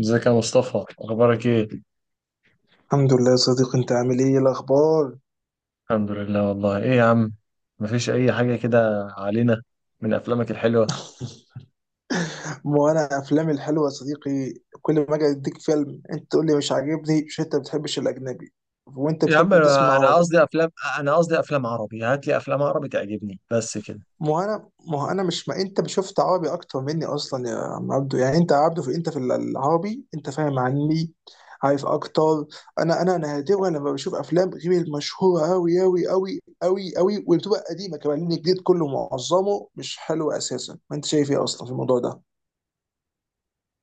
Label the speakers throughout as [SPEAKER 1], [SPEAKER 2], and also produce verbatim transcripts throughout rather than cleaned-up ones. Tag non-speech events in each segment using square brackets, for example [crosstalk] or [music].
[SPEAKER 1] ازيك يا مصطفى؟ اخبارك ايه؟
[SPEAKER 2] الحمد لله يا صديقي، انت عامل ايه إيه الاخبار؟
[SPEAKER 1] الحمد لله والله. ايه يا عم؟ مفيش اي حاجه كده علينا. من افلامك الحلوه.
[SPEAKER 2] وانا افلامي الحلوه يا صديقي. كل ما اجي اديك فيلم انت تقول لي مش عاجبني. مش انت بتحبش الاجنبي وانت
[SPEAKER 1] يا عم
[SPEAKER 2] بتحب تسمع
[SPEAKER 1] انا أنا
[SPEAKER 2] عربي؟
[SPEAKER 1] قصدي افلام. انا قصدي افلام عربي، هات لي افلام عربي تعجبني بس كده.
[SPEAKER 2] ما انا ما انا مش ما انت شفت عربي اكتر مني اصلا يا عم عبدو. يعني انت يا عبدو، في انت في العربي انت فاهم عني، عارف اكتر. انا انا نادرا لما بشوف افلام غير المشهوره قوي قوي قوي قوي قوي، وبتبقى قديمه كمان، لان الجديد كله معظمه مش حلو اساسا. ما انت شايف ايه اصلا في الموضوع ده؟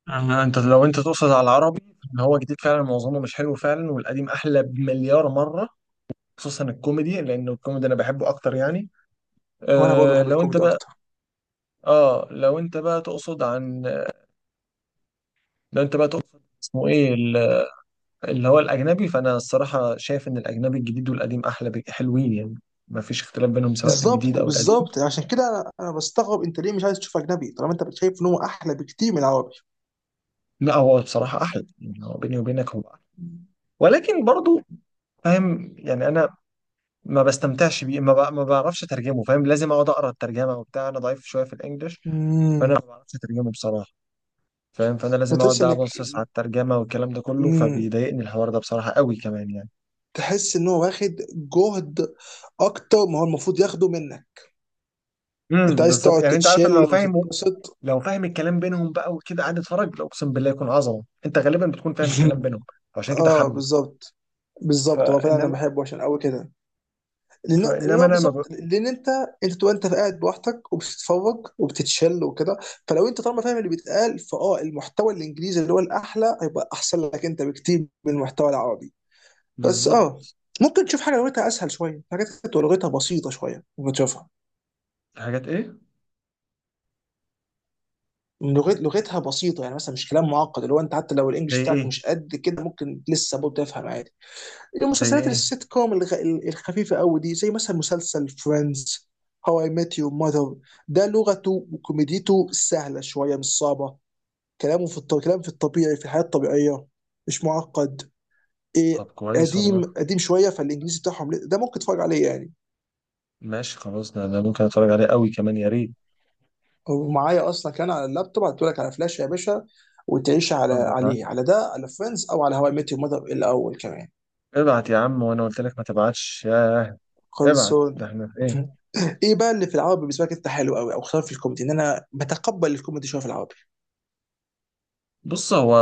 [SPEAKER 1] أنا- انت لو انت تقصد على العربي، ان هو جديد فعلا معظمه مش حلو فعلا، والقديم احلى بمليار مره. خصوصا الكوميدي، لان الكوميدي انا بحبه اكتر يعني.
[SPEAKER 2] وانا برضه
[SPEAKER 1] أه
[SPEAKER 2] بحب
[SPEAKER 1] لو انت
[SPEAKER 2] الكوميدي
[SPEAKER 1] بقى،
[SPEAKER 2] اكتر.
[SPEAKER 1] اه لو انت بقى تقصد عن، لو انت بقى تقصد اسمه ايه، اللي هو الأجنبي، فأنا الصراحة شايف إن الأجنبي الجديد والقديم أحلى بك- حلوين يعني. ما فيش اختلاف بينهم، سواء الجديد
[SPEAKER 2] بالظبط
[SPEAKER 1] أو القديم.
[SPEAKER 2] بالظبط، عشان كده انا بستغرب انت ليه مش عايز تشوف اجنبي طالما انت شايف ان هو احلى بكتير من العربي.
[SPEAKER 1] لا، هو بصراحة أحلى يعني. هو بيني وبينك هو أحلى، ولكن برضو، فاهم يعني؟ أنا ما بستمتعش بيه، ما, بع- ما بعرفش أترجمه. فاهم؟ لازم أقعد أقرأ الترجمة وبتاع، أنا ضعيف شوية في الإنجليش.
[SPEAKER 2] امم
[SPEAKER 1] فأنا ما بعرفش أترجمه بصراحة. فاهم؟ فأنا لازم أقعد
[SPEAKER 2] بتحس
[SPEAKER 1] بقى
[SPEAKER 2] انك،
[SPEAKER 1] أبصص على الترجمة والكلام ده كله،
[SPEAKER 2] امم
[SPEAKER 1] فبيضايقني الحوار ده بصراحة قوي كمان يعني.
[SPEAKER 2] تحس ان هو واخد جهد اكتر ما هو المفروض ياخده منك. انت
[SPEAKER 1] امم
[SPEAKER 2] عايز
[SPEAKER 1] بالظبط
[SPEAKER 2] تقعد
[SPEAKER 1] يعني. أنت عارف إن
[SPEAKER 2] تتشل
[SPEAKER 1] هو فاهم،
[SPEAKER 2] وتتبسط.
[SPEAKER 1] لو فاهم الكلام بينهم بقى وكده قاعد اتفرج، لا اقسم بالله يكون عظمه. انت غالبا بتكون فاهم الكلام بينهم.
[SPEAKER 2] [laughs]
[SPEAKER 1] عشان كده
[SPEAKER 2] اه
[SPEAKER 1] حبه.
[SPEAKER 2] بالظبط بالظبط. هو فعلا انا
[SPEAKER 1] فانما.
[SPEAKER 2] بحبه عشان قوي كده، لان اللي
[SPEAKER 1] فانما
[SPEAKER 2] هو
[SPEAKER 1] انا ما ب...
[SPEAKER 2] بالظبط، لان انت انت تبقى انت قاعد لوحدك وبتتفرج وبتتشل وكده. فلو انت طالما فاهم اللي بيتقال، فاه، المحتوى الانجليزي اللي هو الاحلى هيبقى احسن لك انت بكتير من المحتوى العربي. بس اه،
[SPEAKER 1] بالظبط
[SPEAKER 2] ممكن تشوف حاجه لغتها اسهل شويه. حاجات كانت لغتها بسيطه شويه ممكن تشوفها.
[SPEAKER 1] في حاجات ايه؟
[SPEAKER 2] لغت لغتها بسيطه، يعني مثلا مش كلام معقد، اللي هو انت حتى لو الانجليش
[SPEAKER 1] زي
[SPEAKER 2] بتاعك
[SPEAKER 1] ايه؟
[SPEAKER 2] مش قد كده ممكن لسه برضه تفهم عادي.
[SPEAKER 1] زي
[SPEAKER 2] المسلسلات
[SPEAKER 1] ايه؟
[SPEAKER 2] السيت كوم الغ- ال- الخفيفه قوي دي، زي مثلا مسلسل فريندز، هاو اي ميت يور ماذر. ده لغته وكوميديته سهله شويه، مش صعبه. كلامه في الط... كلام في الطبيعي، في الحياه الطبيعيه، مش معقد.
[SPEAKER 1] طب
[SPEAKER 2] إيه،
[SPEAKER 1] كويس
[SPEAKER 2] قديم
[SPEAKER 1] والله.
[SPEAKER 2] قديم شويه فالانجليزي بتاعهم، ل- ده ممكن تتفرج عليه يعني.
[SPEAKER 1] ماشي خلاص، ده ده ممكن اتفرج عليه قوي كمان يا ريت.
[SPEAKER 2] ومعايا اصلا كان على اللابتوب، هتقولك على فلاش يا باشا، وتعيش على
[SPEAKER 1] اتفضل، ابعت.
[SPEAKER 2] عليه على ده على فريندز او على هواي ميت يور ماذر الاول كمان.
[SPEAKER 1] ابعت يا عم، وانا قلت لك ما تبعتش ياه. ابعت، ده
[SPEAKER 2] خلصون.
[SPEAKER 1] احنا في ايه؟
[SPEAKER 2] [laughs] ايه بقى اللي في العربي بالنسبه لك انت حلو قوي، او خصوصا في الكوميدي؟ ان انا بتقبل الكوميدي شويه في العربي.
[SPEAKER 1] بص، هو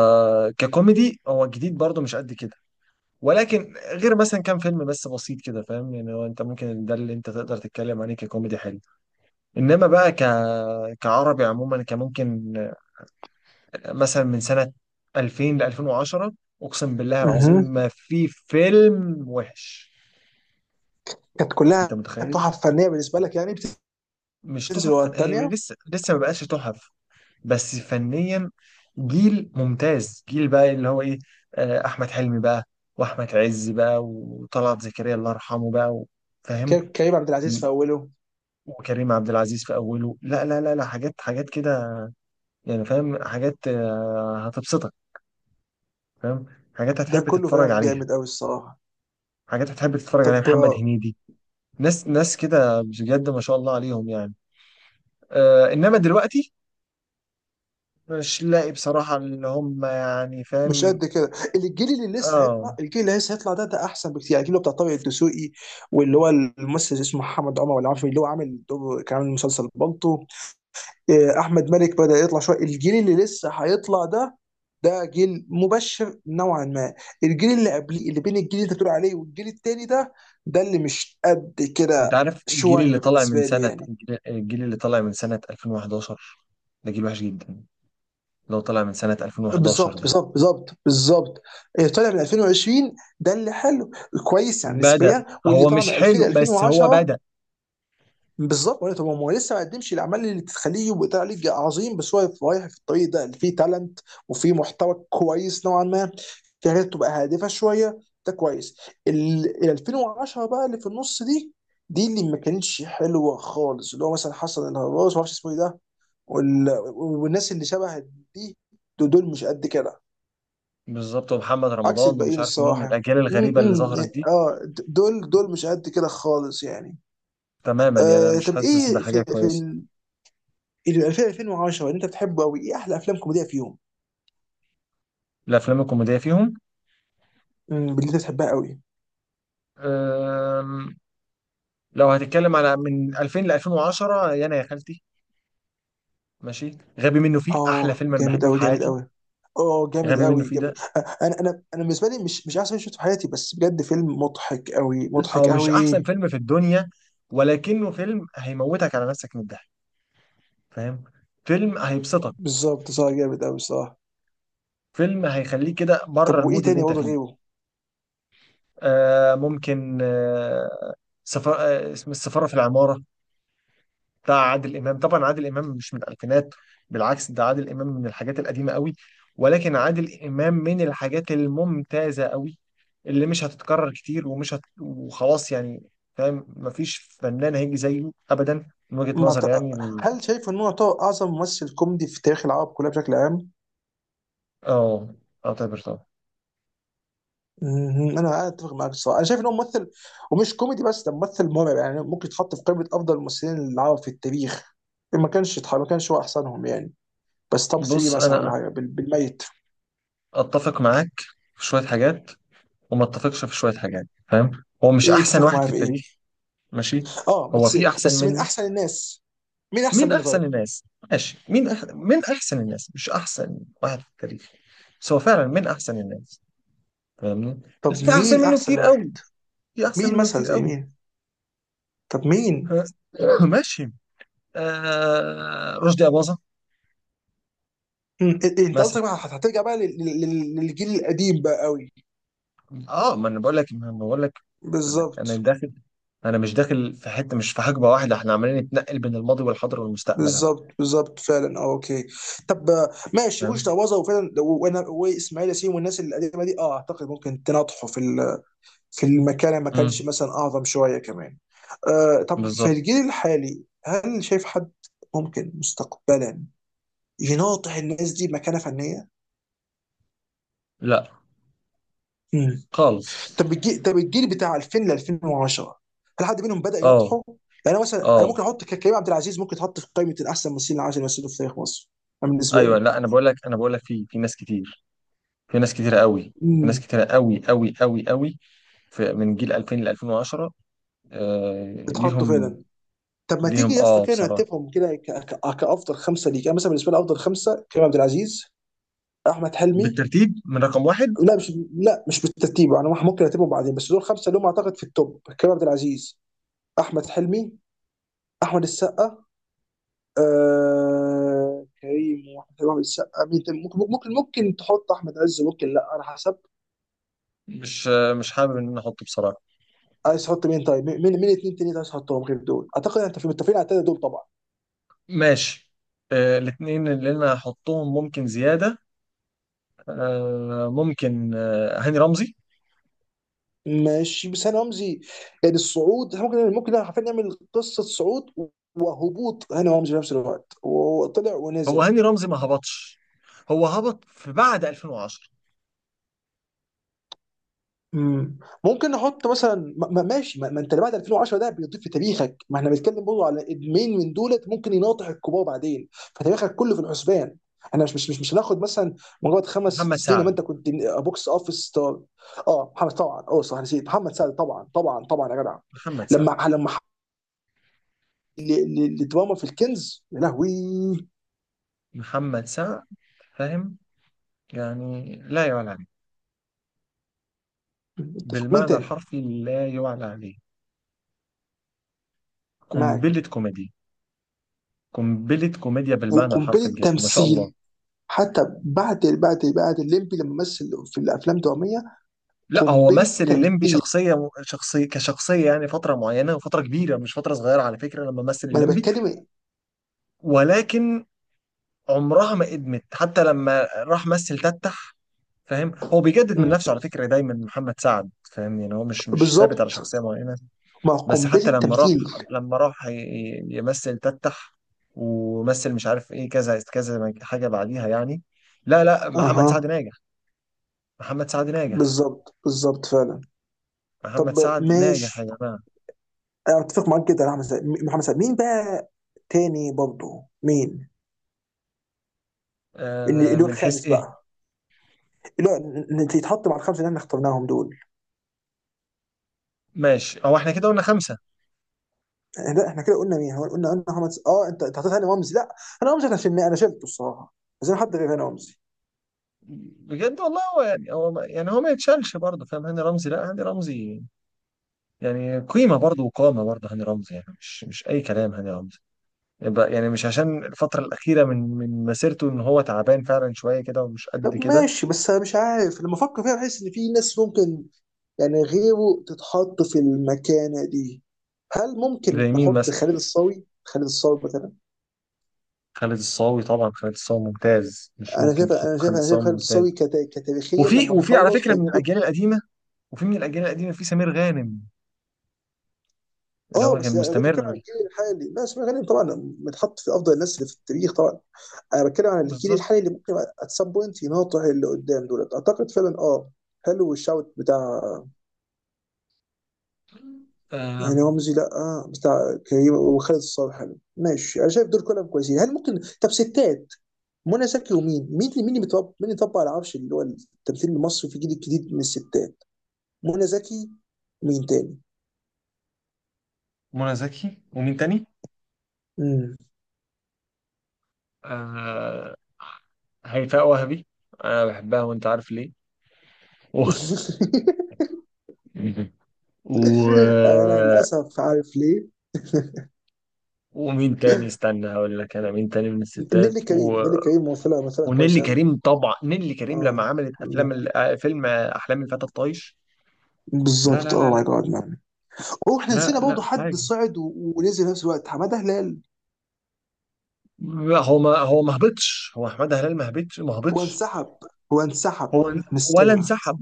[SPEAKER 1] ككوميدي هو جديد برضه مش قد كده. ولكن غير مثلا كام فيلم بس بسيط كده، فاهم يعني؟ هو انت ممكن ده اللي انت تقدر تتكلم عليه ككوميدي حلو. انما بقى. ك... كعربي عموما كان ممكن، مثلا من سنة ألفين ل ألفين وعشرة، اقسم بالله العظيم
[SPEAKER 2] اها،
[SPEAKER 1] ما في فيلم وحش.
[SPEAKER 2] كانت كلها
[SPEAKER 1] انت متخيل؟
[SPEAKER 2] تحف فنيه بالنسبه لك يعني؟
[SPEAKER 1] مش
[SPEAKER 2] بتنزل
[SPEAKER 1] تحف
[SPEAKER 2] ورا
[SPEAKER 1] فن... هي من
[SPEAKER 2] الثانيه.
[SPEAKER 1] لسه لسه ما بقاش تحف. بس فنيا، جيل ممتاز، جيل بقى اللي هو ايه. آه، احمد حلمي بقى، واحمد عز بقى، وطلعت زكريا الله يرحمه بقى و- فاهم؟
[SPEAKER 2] كريم عبد العزيز في اوله.
[SPEAKER 1] وكريم عبد العزيز في اوله. لا لا لا لا، حاجات حاجات كده يعني. فاهم، حاجات آه، هتبسطك. فاهم. حاجات
[SPEAKER 2] ده
[SPEAKER 1] هتحب
[SPEAKER 2] كله
[SPEAKER 1] تتفرج
[SPEAKER 2] فعلا
[SPEAKER 1] عليها.
[SPEAKER 2] جامد قوي الصراحه.
[SPEAKER 1] حاجات هتحب تتفرج عليها،
[SPEAKER 2] طب
[SPEAKER 1] محمد
[SPEAKER 2] آه،
[SPEAKER 1] هنيدي. ناس ناس كده بجد ما شاء الله عليهم يعني. آه انما دلوقتي، مش لاقي بصراحة اللي هم يعني.
[SPEAKER 2] مش
[SPEAKER 1] فاهم؟
[SPEAKER 2] قد كده الجيل اللي لسه
[SPEAKER 1] اه
[SPEAKER 2] هيطلع الجيل اللي لسه هيطلع ده ده احسن بكتير يعني الجيل اللي هو بتاع طارق الدسوقي واللي هو الممثل اسمه محمد عمر ولا عارف اللي هو عامل دور كان عامل مسلسل بالطو آه، احمد مالك بدا يطلع شويه الجيل اللي لسه هيطلع ده ده جيل مبشر نوعا ما الجيل اللي قبليه اللي بين الجيل اللي انت بتقول عليه والجيل التاني ده ده اللي مش قد
[SPEAKER 1] انت
[SPEAKER 2] كده
[SPEAKER 1] عارف الجيل
[SPEAKER 2] شويه
[SPEAKER 1] اللي طالع من
[SPEAKER 2] بالنسبه لي
[SPEAKER 1] سنة
[SPEAKER 2] يعني
[SPEAKER 1] الجيل الجيل اللي طالع من سنة ألفين وحداشر، ده جيل وحش جدا. لو طالع من سنة ألفين وحداشر
[SPEAKER 2] بالظبط
[SPEAKER 1] ده،
[SPEAKER 2] بالظبط بالظبط بالظبط اللي طالع من ألفين وعشرين ده اللي حلو كويس يعني
[SPEAKER 1] بدأ.
[SPEAKER 2] نسبيا واللي
[SPEAKER 1] هو
[SPEAKER 2] طالع
[SPEAKER 1] مش
[SPEAKER 2] من ألفين
[SPEAKER 1] حلو بس هو
[SPEAKER 2] ألفين وعشرة
[SPEAKER 1] بدأ.
[SPEAKER 2] بالظبط ولا طب هو لسه ما قدمش الاعمال اللي تخليه يبقى طالع ليج عظيم بس هو رايح في الطريق ده اللي فيه تالنت وفيه محتوى كويس نوعا ما في حاجات تبقى هادفه شويه ده كويس ال ال ألفين وعشرة بقى اللي في النص دي دي اللي ما كانتش حلوه خالص اللي هو مثلا حسن الهرباس ما اعرفش اسمه ايه ده وال- والناس اللي شبه دي دول دول مش قد كده
[SPEAKER 1] بالظبط. ومحمد
[SPEAKER 2] عكس
[SPEAKER 1] رمضان ومش
[SPEAKER 2] الباقيين
[SPEAKER 1] عارف مين،
[SPEAKER 2] الصراحه
[SPEAKER 1] الأجيال الغريبة اللي
[SPEAKER 2] امم
[SPEAKER 1] ظهرت دي.
[SPEAKER 2] اه د- دول دول مش قد كده خالص يعني
[SPEAKER 1] تماما يعني، أنا
[SPEAKER 2] آه
[SPEAKER 1] مش
[SPEAKER 2] طب
[SPEAKER 1] حاسس
[SPEAKER 2] ايه
[SPEAKER 1] بحاجة
[SPEAKER 2] في في
[SPEAKER 1] كويسة.
[SPEAKER 2] اللي ألفين ألفين وعشرة اللي انت بتحبه قوي ايه احلى افلام كوميديه فيهم
[SPEAKER 1] الأفلام الكوميدية فيهم؟
[SPEAKER 2] امم اللي انت بتحبها قوي
[SPEAKER 1] أم، لو هتتكلم على من ألفين ل ألفين وعشرة، يانا يا خالتي. ماشي. غبي منه فيه احلى
[SPEAKER 2] اه
[SPEAKER 1] فيلم انا
[SPEAKER 2] جامد
[SPEAKER 1] بحبه في
[SPEAKER 2] قوي جامد
[SPEAKER 1] حياتي.
[SPEAKER 2] قوي اه جامد
[SPEAKER 1] غبي منه
[SPEAKER 2] قوي
[SPEAKER 1] فيه ده.
[SPEAKER 2] جامد انا انا انا بالنسبه لي مش مش احسن فيلم شفته في حياتي بس بجد فيلم مضحك قوي
[SPEAKER 1] او
[SPEAKER 2] مضحك
[SPEAKER 1] مش احسن
[SPEAKER 2] قوي
[SPEAKER 1] فيلم في الدنيا، ولكنه فيلم هيموتك على نفسك من الضحك. فاهم؟ فيلم هيبسطك.
[SPEAKER 2] بالظبط صح جامد قوي صح
[SPEAKER 1] فيلم هيخليك كده
[SPEAKER 2] طب
[SPEAKER 1] بره
[SPEAKER 2] وايه
[SPEAKER 1] المود اللي
[SPEAKER 2] تاني
[SPEAKER 1] انت
[SPEAKER 2] برضه
[SPEAKER 1] فيه.
[SPEAKER 2] غيره
[SPEAKER 1] آه ممكن، آه سفر، آه اسم السفارة في العمارة، بتاع عادل امام. طبعا عادل امام مش من الالفينات، بالعكس، ده عادل امام من الحاجات القديمه قوي. ولكن عادل امام من الحاجات الممتازه قوي، اللي مش هتتكرر كتير ومش هت... وخلاص يعني. فاهم؟ مفيش فنان هيجي زيه ابدا من وجهه
[SPEAKER 2] ما ت...
[SPEAKER 1] نظر يعني ال-
[SPEAKER 2] هل شايف ان هو يعتبر اعظم ممثل كوميدي في تاريخ العرب كلها بشكل عام
[SPEAKER 1] اه اعتبر طبعا.
[SPEAKER 2] مهم. انا اتفق معاك الصراحه انا شايف ان هو ممثل ومش كوميدي بس ده ممثل مرعب يعني ممكن يتحط في قائمه افضل الممثلين العرب في التاريخ ما كانش يتح- ما كانش هو احسنهم يعني بس توب ثلاثة
[SPEAKER 1] بص،
[SPEAKER 2] مثلا ولا
[SPEAKER 1] انا
[SPEAKER 2] حاجه بال- بالميت
[SPEAKER 1] اتفق معاك في شويه حاجات، وما اتفقش في شويه حاجات. فاهم؟ هو مش
[SPEAKER 2] ايه
[SPEAKER 1] احسن
[SPEAKER 2] اتفق
[SPEAKER 1] واحد
[SPEAKER 2] معايا
[SPEAKER 1] في
[SPEAKER 2] في ايه
[SPEAKER 1] التاريخ. ماشي.
[SPEAKER 2] اه
[SPEAKER 1] هو
[SPEAKER 2] بس
[SPEAKER 1] في احسن
[SPEAKER 2] بس من
[SPEAKER 1] منه.
[SPEAKER 2] احسن الناس مين احسن
[SPEAKER 1] مين
[SPEAKER 2] منه
[SPEAKER 1] احسن
[SPEAKER 2] طيب
[SPEAKER 1] الناس؟ ماشي، مين أح... مين احسن الناس، مش احسن واحد في التاريخ، بس هو فعلا مين احسن الناس. فاهمني؟ بس
[SPEAKER 2] طب
[SPEAKER 1] في احسن
[SPEAKER 2] مين
[SPEAKER 1] منه
[SPEAKER 2] احسن
[SPEAKER 1] كتير
[SPEAKER 2] واحد
[SPEAKER 1] قوي. في احسن
[SPEAKER 2] مين
[SPEAKER 1] منه
[SPEAKER 2] مثلا
[SPEAKER 1] كتير
[SPEAKER 2] زي
[SPEAKER 1] قوي.
[SPEAKER 2] مين طب مين
[SPEAKER 1] ها؟ [coughs] [laughs] ماشي. آه... رشدي اباظة
[SPEAKER 2] مم. إيه- إيه، انت
[SPEAKER 1] مثلا.
[SPEAKER 2] قصدك بقى هت- هترجع بقى لل- لل- للجيل القديم بقى قوي
[SPEAKER 1] اه ما انا بقول لك، ما أنا بقول لك، انا
[SPEAKER 2] بالظبط
[SPEAKER 1] أنا داخل. انا مش داخل في حته، مش في حقبه واحده. احنا عمالين نتنقل بين الماضي والحاضر والمستقبل اهو.
[SPEAKER 2] بالظبط بالظبط فعلا اه اوكي طب آه، ماشي. وش
[SPEAKER 1] فاهم.
[SPEAKER 2] تعوضه، وفعلا، وانا واسماعيل ياسين والناس القديمه دي، اه، اعتقد ممكن تناطحوا في ال- في المكان اللي ما كانش
[SPEAKER 1] امم
[SPEAKER 2] مثلا اعظم شويه كمان. آه طب في
[SPEAKER 1] بالظبط.
[SPEAKER 2] الجيل الحالي، هل شايف حد ممكن مستقبلا يناطح الناس دي مكانه فنيه؟
[SPEAKER 1] لا
[SPEAKER 2] مم.
[SPEAKER 1] خالص.
[SPEAKER 2] طب الجيل طب الجيل بتاع ألفين ل ألفين وعشرة، هل حد منهم بدأ
[SPEAKER 1] اه.
[SPEAKER 2] يناطحه؟ يعني أنا مثلا، انا
[SPEAKER 1] اه.
[SPEAKER 2] ممكن احط ك- كريم عبد العزيز ممكن تحط في قائمه الاحسن ممثلين العشر اللي مثلوا في تاريخ مصر، أنا بالنسبه
[SPEAKER 1] ايوه.
[SPEAKER 2] لي.
[SPEAKER 1] لا، انا بقول لك، انا بقول لك، في في ناس كتير. في ناس كتيرة قوي. في ناس
[SPEAKER 2] امم،
[SPEAKER 1] كتيرة قوي قوي قوي قوي. في من جيل ألفين ل ألفين وعشرة. آه
[SPEAKER 2] بتحطه
[SPEAKER 1] ليهم.
[SPEAKER 2] فعلا. طب ما تيجي
[SPEAKER 1] ليهم
[SPEAKER 2] يا اسطى
[SPEAKER 1] اه
[SPEAKER 2] كده
[SPEAKER 1] بصراحة.
[SPEAKER 2] نرتبهم كده، ك- ك- كافضل خمسه ليك. انا مثلا بالنسبه لي افضل خمسه، كريم عبد العزيز، احمد حلمي.
[SPEAKER 1] بالترتيب من رقم واحد؟
[SPEAKER 2] لا مش لا مش بالترتيب، انا ممكن ارتبهم بعدين، بس دول خمسه اللي هم اعتقد في التوب، كريم عبد العزيز، احمد حلمي، احمد السقا. آه، كريم واحمد حلمي وأحمد السقا، مين تاني؟ ممكن ممكن ممكن تحط احمد عز، ممكن لا على حسب.
[SPEAKER 1] مش آه مش حابب ان انا احطه بصراحة.
[SPEAKER 2] عايز تحط مين طيب؟ مين مين اتنين تاني عايز تحطهم غير دول؟ اعتقد انت في متفقين على التلاته دول طبعا.
[SPEAKER 1] ماشي. آه الاتنين اللي انا هحطهم ممكن زيادة. آه ممكن، آه هاني رمزي.
[SPEAKER 2] ماشي، بس هاني رمزي، يعني الصعود، إحنا ممكن ممكن حرفيا نعمل قصه صعود وهبوط هاني رمزي في نفس الوقت، وطلع
[SPEAKER 1] هو
[SPEAKER 2] ونزل.
[SPEAKER 1] هاني رمزي ما هبطش. هو هبط في بعد ألفين وعشرة.
[SPEAKER 2] امم، ممكن نحط مثلا، ما ما- ماشي، ما, ما انت اللي بعد ألفين وعشرة ده بيضيف في تاريخك، ما احنا بنتكلم برضه على ادمين من دولت ممكن يناطح الكبار بعدين، فتاريخك كله في الحسبان. انا مش مش مش, مش هناخد مثلا مجرد خمس ست
[SPEAKER 1] محمد
[SPEAKER 2] سنين لما
[SPEAKER 1] سعد.
[SPEAKER 2] انت كنت بوكس اوفيس ستار. اه محمد، طبعا، اه صح، نسيت محمد سعد. طبعا طبعا طبعا يا جدع.
[SPEAKER 1] محمد سعد.
[SPEAKER 2] لما لما ل- ل- لدراما في الكنز يا لهوي.
[SPEAKER 1] محمد سعد. فاهم؟ يعني لا يعلى عليه.
[SPEAKER 2] اتفق مين
[SPEAKER 1] بالمعنى
[SPEAKER 2] تاني
[SPEAKER 1] الحرفي لا يعلى عليه. قنبلة
[SPEAKER 2] معاك.
[SPEAKER 1] كوميديا. قنبلة كوميديا بالمعنى الحرفي،
[SPEAKER 2] وقنبله
[SPEAKER 1] بجد ما شاء الله.
[SPEAKER 2] تمثيل حتى بعد بعد بعد الليمبي لما مثل في الافلام الدراميه.
[SPEAKER 1] لا، هو
[SPEAKER 2] قنبله
[SPEAKER 1] مثل الليمبي
[SPEAKER 2] تمثيل،
[SPEAKER 1] شخصية شخصية كشخصية، يعني فترة معينة. وفترة كبيرة مش فترة صغيرة على فكرة لما مثل
[SPEAKER 2] ما انا
[SPEAKER 1] الليمبي.
[SPEAKER 2] بتكلم.
[SPEAKER 1] ولكن عمرها ما ادمت حتى لما راح مثل تتح. فاهم؟ هو بيجدد من
[SPEAKER 2] مم.
[SPEAKER 1] نفسه على فكرة دايما محمد سعد. فاهم يعني؟ هو مش مش ثابت على
[SPEAKER 2] بالظبط،
[SPEAKER 1] شخصية معينة.
[SPEAKER 2] ما
[SPEAKER 1] بس
[SPEAKER 2] قنبله
[SPEAKER 1] حتى لما راح،
[SPEAKER 2] تمثيل.
[SPEAKER 1] لما راح ي- ي- يمثل تتح، ومثل مش عارف ايه كذا كذا حاجة بعديها يعني. لا لا، محمد سعد
[SPEAKER 2] اها،
[SPEAKER 1] ناجح. محمد سعد ناجح.
[SPEAKER 2] بالظبط بالظبط فعلا.
[SPEAKER 1] محمد
[SPEAKER 2] طب
[SPEAKER 1] سعد ناجح يا
[SPEAKER 2] ماشي.
[SPEAKER 1] جماعة.
[SPEAKER 2] أنا اتفق معاك جدا يا احمد سعد، م- محمد سعد، مين بقى تاني برضه؟ مين اللي
[SPEAKER 1] آه
[SPEAKER 2] اللي هو
[SPEAKER 1] من حيث
[SPEAKER 2] الخامس
[SPEAKER 1] ايه؟
[SPEAKER 2] بقى، اللي هو ن- ن- يتحط مع الخمسه اللي احنا اخترناهم دول؟
[SPEAKER 1] ماشي، هو احنا كده قلنا خمسة.
[SPEAKER 2] لا احنا كده قلنا مين؟ هو قلنا قلنا محمد س- اه انت انت حطيت هاني رمزي. لا، هاني رمزي انا شلناه انا شلته الصراحه، عايزين حد غير هاني رمزي.
[SPEAKER 1] بجد والله، هو يعني هو ما- يعني هو ما يتشالش برضه، فاهم؟ هاني رمزي، لا هاني رمزي يعني قيمة برضه، وقامة برضه هاني رمزي، يعني مش مش أي كلام هاني رمزي. يبقى يعني مش عشان الفترة الأخيرة من من مسيرته إن هو تعبان فعلا شوية كده ومش
[SPEAKER 2] طب
[SPEAKER 1] قد كده.
[SPEAKER 2] ماشي، بس انا مش عارف، لما افكر فيها بحس ان في ناس ممكن يعني غيره تتحط في المكانه دي. هل ممكن
[SPEAKER 1] زي مين
[SPEAKER 2] نحط
[SPEAKER 1] مثلا؟
[SPEAKER 2] خالد الصاوي؟ خالد الصاوي مثلا.
[SPEAKER 1] خالد الصاوي طبعا، خالد الصاوي ممتاز، مش
[SPEAKER 2] انا
[SPEAKER 1] ممكن
[SPEAKER 2] شايف انا
[SPEAKER 1] تحط
[SPEAKER 2] شايف
[SPEAKER 1] خالد
[SPEAKER 2] انا شايف
[SPEAKER 1] الصاوي
[SPEAKER 2] خالد
[SPEAKER 1] ممتاج.
[SPEAKER 2] الصاوي كتا... كتاريخيا
[SPEAKER 1] وفي
[SPEAKER 2] لما
[SPEAKER 1] وفي على
[SPEAKER 2] نخلص
[SPEAKER 1] فكرة من
[SPEAKER 2] هيكون.
[SPEAKER 1] الأجيال القديمة، وفي من الأجيال القديمة في سمير غانم اللي
[SPEAKER 2] اه
[SPEAKER 1] هو كان
[SPEAKER 2] بس لا، ده بتتكلم
[SPEAKER 1] مستمر.
[SPEAKER 2] عن الجيل الحالي بس، ما غالبا طبعا متحط في افضل الناس اللي في التاريخ طبعا. انا بتكلم عن الجيل
[SPEAKER 1] بالظبط.
[SPEAKER 2] الحالي اللي ممكن ات سام بوينت يناطح اللي قدام دولت، اعتقد فعلا اه، حلو الشوت بتاع،
[SPEAKER 1] آه
[SPEAKER 2] يعني رمزي، لا آه، بتاع كريم وخالد الصالح حلو. ماشي، انا شايف دول كلهم كويسين. هل ممكن طب ستات؟ منى زكي ومين مين اللي- مين اللي بيطبق، مين اللي طبق على العرش اللي هو التمثيل المصري في الجيل الجديد من الستات؟ منى زكي، مين تاني؟
[SPEAKER 1] منى زكي، ومين تاني؟
[SPEAKER 2] مم.
[SPEAKER 1] آه هيفاء وهبي. انا بحبها، وانت عارف ليه. و...
[SPEAKER 2] [laughs]
[SPEAKER 1] [laughs] و...
[SPEAKER 2] انا للاسف عارف ليه.
[SPEAKER 1] ومين تاني؟ استنى هقول لك انا مين تاني من
[SPEAKER 2] نيلي
[SPEAKER 1] الستات.
[SPEAKER 2] كريم،
[SPEAKER 1] و...
[SPEAKER 2] نيلي كريم ممثله، ممثله
[SPEAKER 1] ونيلي
[SPEAKER 2] كويسه قوي.
[SPEAKER 1] كريم طبعا، نيلي كريم لما
[SPEAKER 2] اه.
[SPEAKER 1] عملت افلام
[SPEAKER 2] مم.
[SPEAKER 1] ال... آه، فيلم آه، احلام الفتى الطايش. لا
[SPEAKER 2] بالظبط،
[SPEAKER 1] لا لا
[SPEAKER 2] اه، ماي
[SPEAKER 1] لا
[SPEAKER 2] جاد مان. هو احنا
[SPEAKER 1] لا
[SPEAKER 2] نسينا
[SPEAKER 1] لا،
[SPEAKER 2] برضه حد
[SPEAKER 1] حاجه.
[SPEAKER 2] صعد و- ونزل في نفس الوقت، حماده هلال.
[SPEAKER 1] لا، هو ما هو ما هبطش. هو احمد هلال ما هبطش ما
[SPEAKER 2] هو
[SPEAKER 1] هبطش.
[SPEAKER 2] انسحب هو انسحب
[SPEAKER 1] هو
[SPEAKER 2] من
[SPEAKER 1] ولا
[SPEAKER 2] السينما.
[SPEAKER 1] انسحب.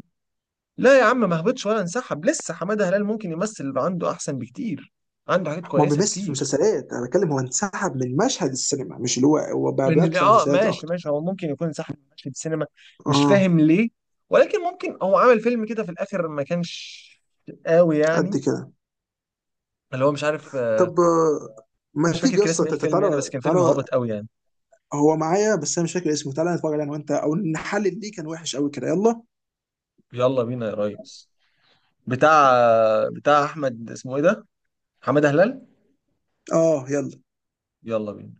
[SPEAKER 1] لا يا عم، ما هبطش ولا انسحب. لسه حماده هلال ممكن يمثل يبقى عنده احسن بكتير، عنده حاجات
[SPEAKER 2] ما هو
[SPEAKER 1] كويسه
[SPEAKER 2] بيمثل في
[SPEAKER 1] كتير.
[SPEAKER 2] مسلسلات، انا بتكلم هو انسحب من مشهد السينما، مش اللي هو هو بقى
[SPEAKER 1] ان
[SPEAKER 2] بيركز على
[SPEAKER 1] اه
[SPEAKER 2] مسلسلات
[SPEAKER 1] ماشي
[SPEAKER 2] اكتر.
[SPEAKER 1] ماشي، هو ممكن يكون انسحب من مشهد السينما، مش
[SPEAKER 2] اه،
[SPEAKER 1] فاهم ليه. ولكن ممكن هو عامل فيلم كده في الاخر ما كانش قوي
[SPEAKER 2] قد
[SPEAKER 1] يعني.
[SPEAKER 2] كده.
[SPEAKER 1] اللي هو مش عارف آه،
[SPEAKER 2] طب آه، ما
[SPEAKER 1] مش فاكر
[SPEAKER 2] تيجي يا
[SPEAKER 1] كان اسم
[SPEAKER 2] اسطى،
[SPEAKER 1] ايه
[SPEAKER 2] تت-
[SPEAKER 1] الفيلم يعني، بس
[SPEAKER 2] تعالى
[SPEAKER 1] كان فيلم
[SPEAKER 2] تعالى.
[SPEAKER 1] هابط قوي يعني.
[SPEAKER 2] هو معايا، بس انا مش فاكر اسمه. تعالى نتفرج عليه انا وانت، او نحلل ليه كان وحش قوي كده. يلا.
[SPEAKER 1] يلا بينا يا ريس. بتاع بتاع احمد اسمه ايه ده؟ حماده هلال.
[SPEAKER 2] اه يلا.
[SPEAKER 1] يلا بينا.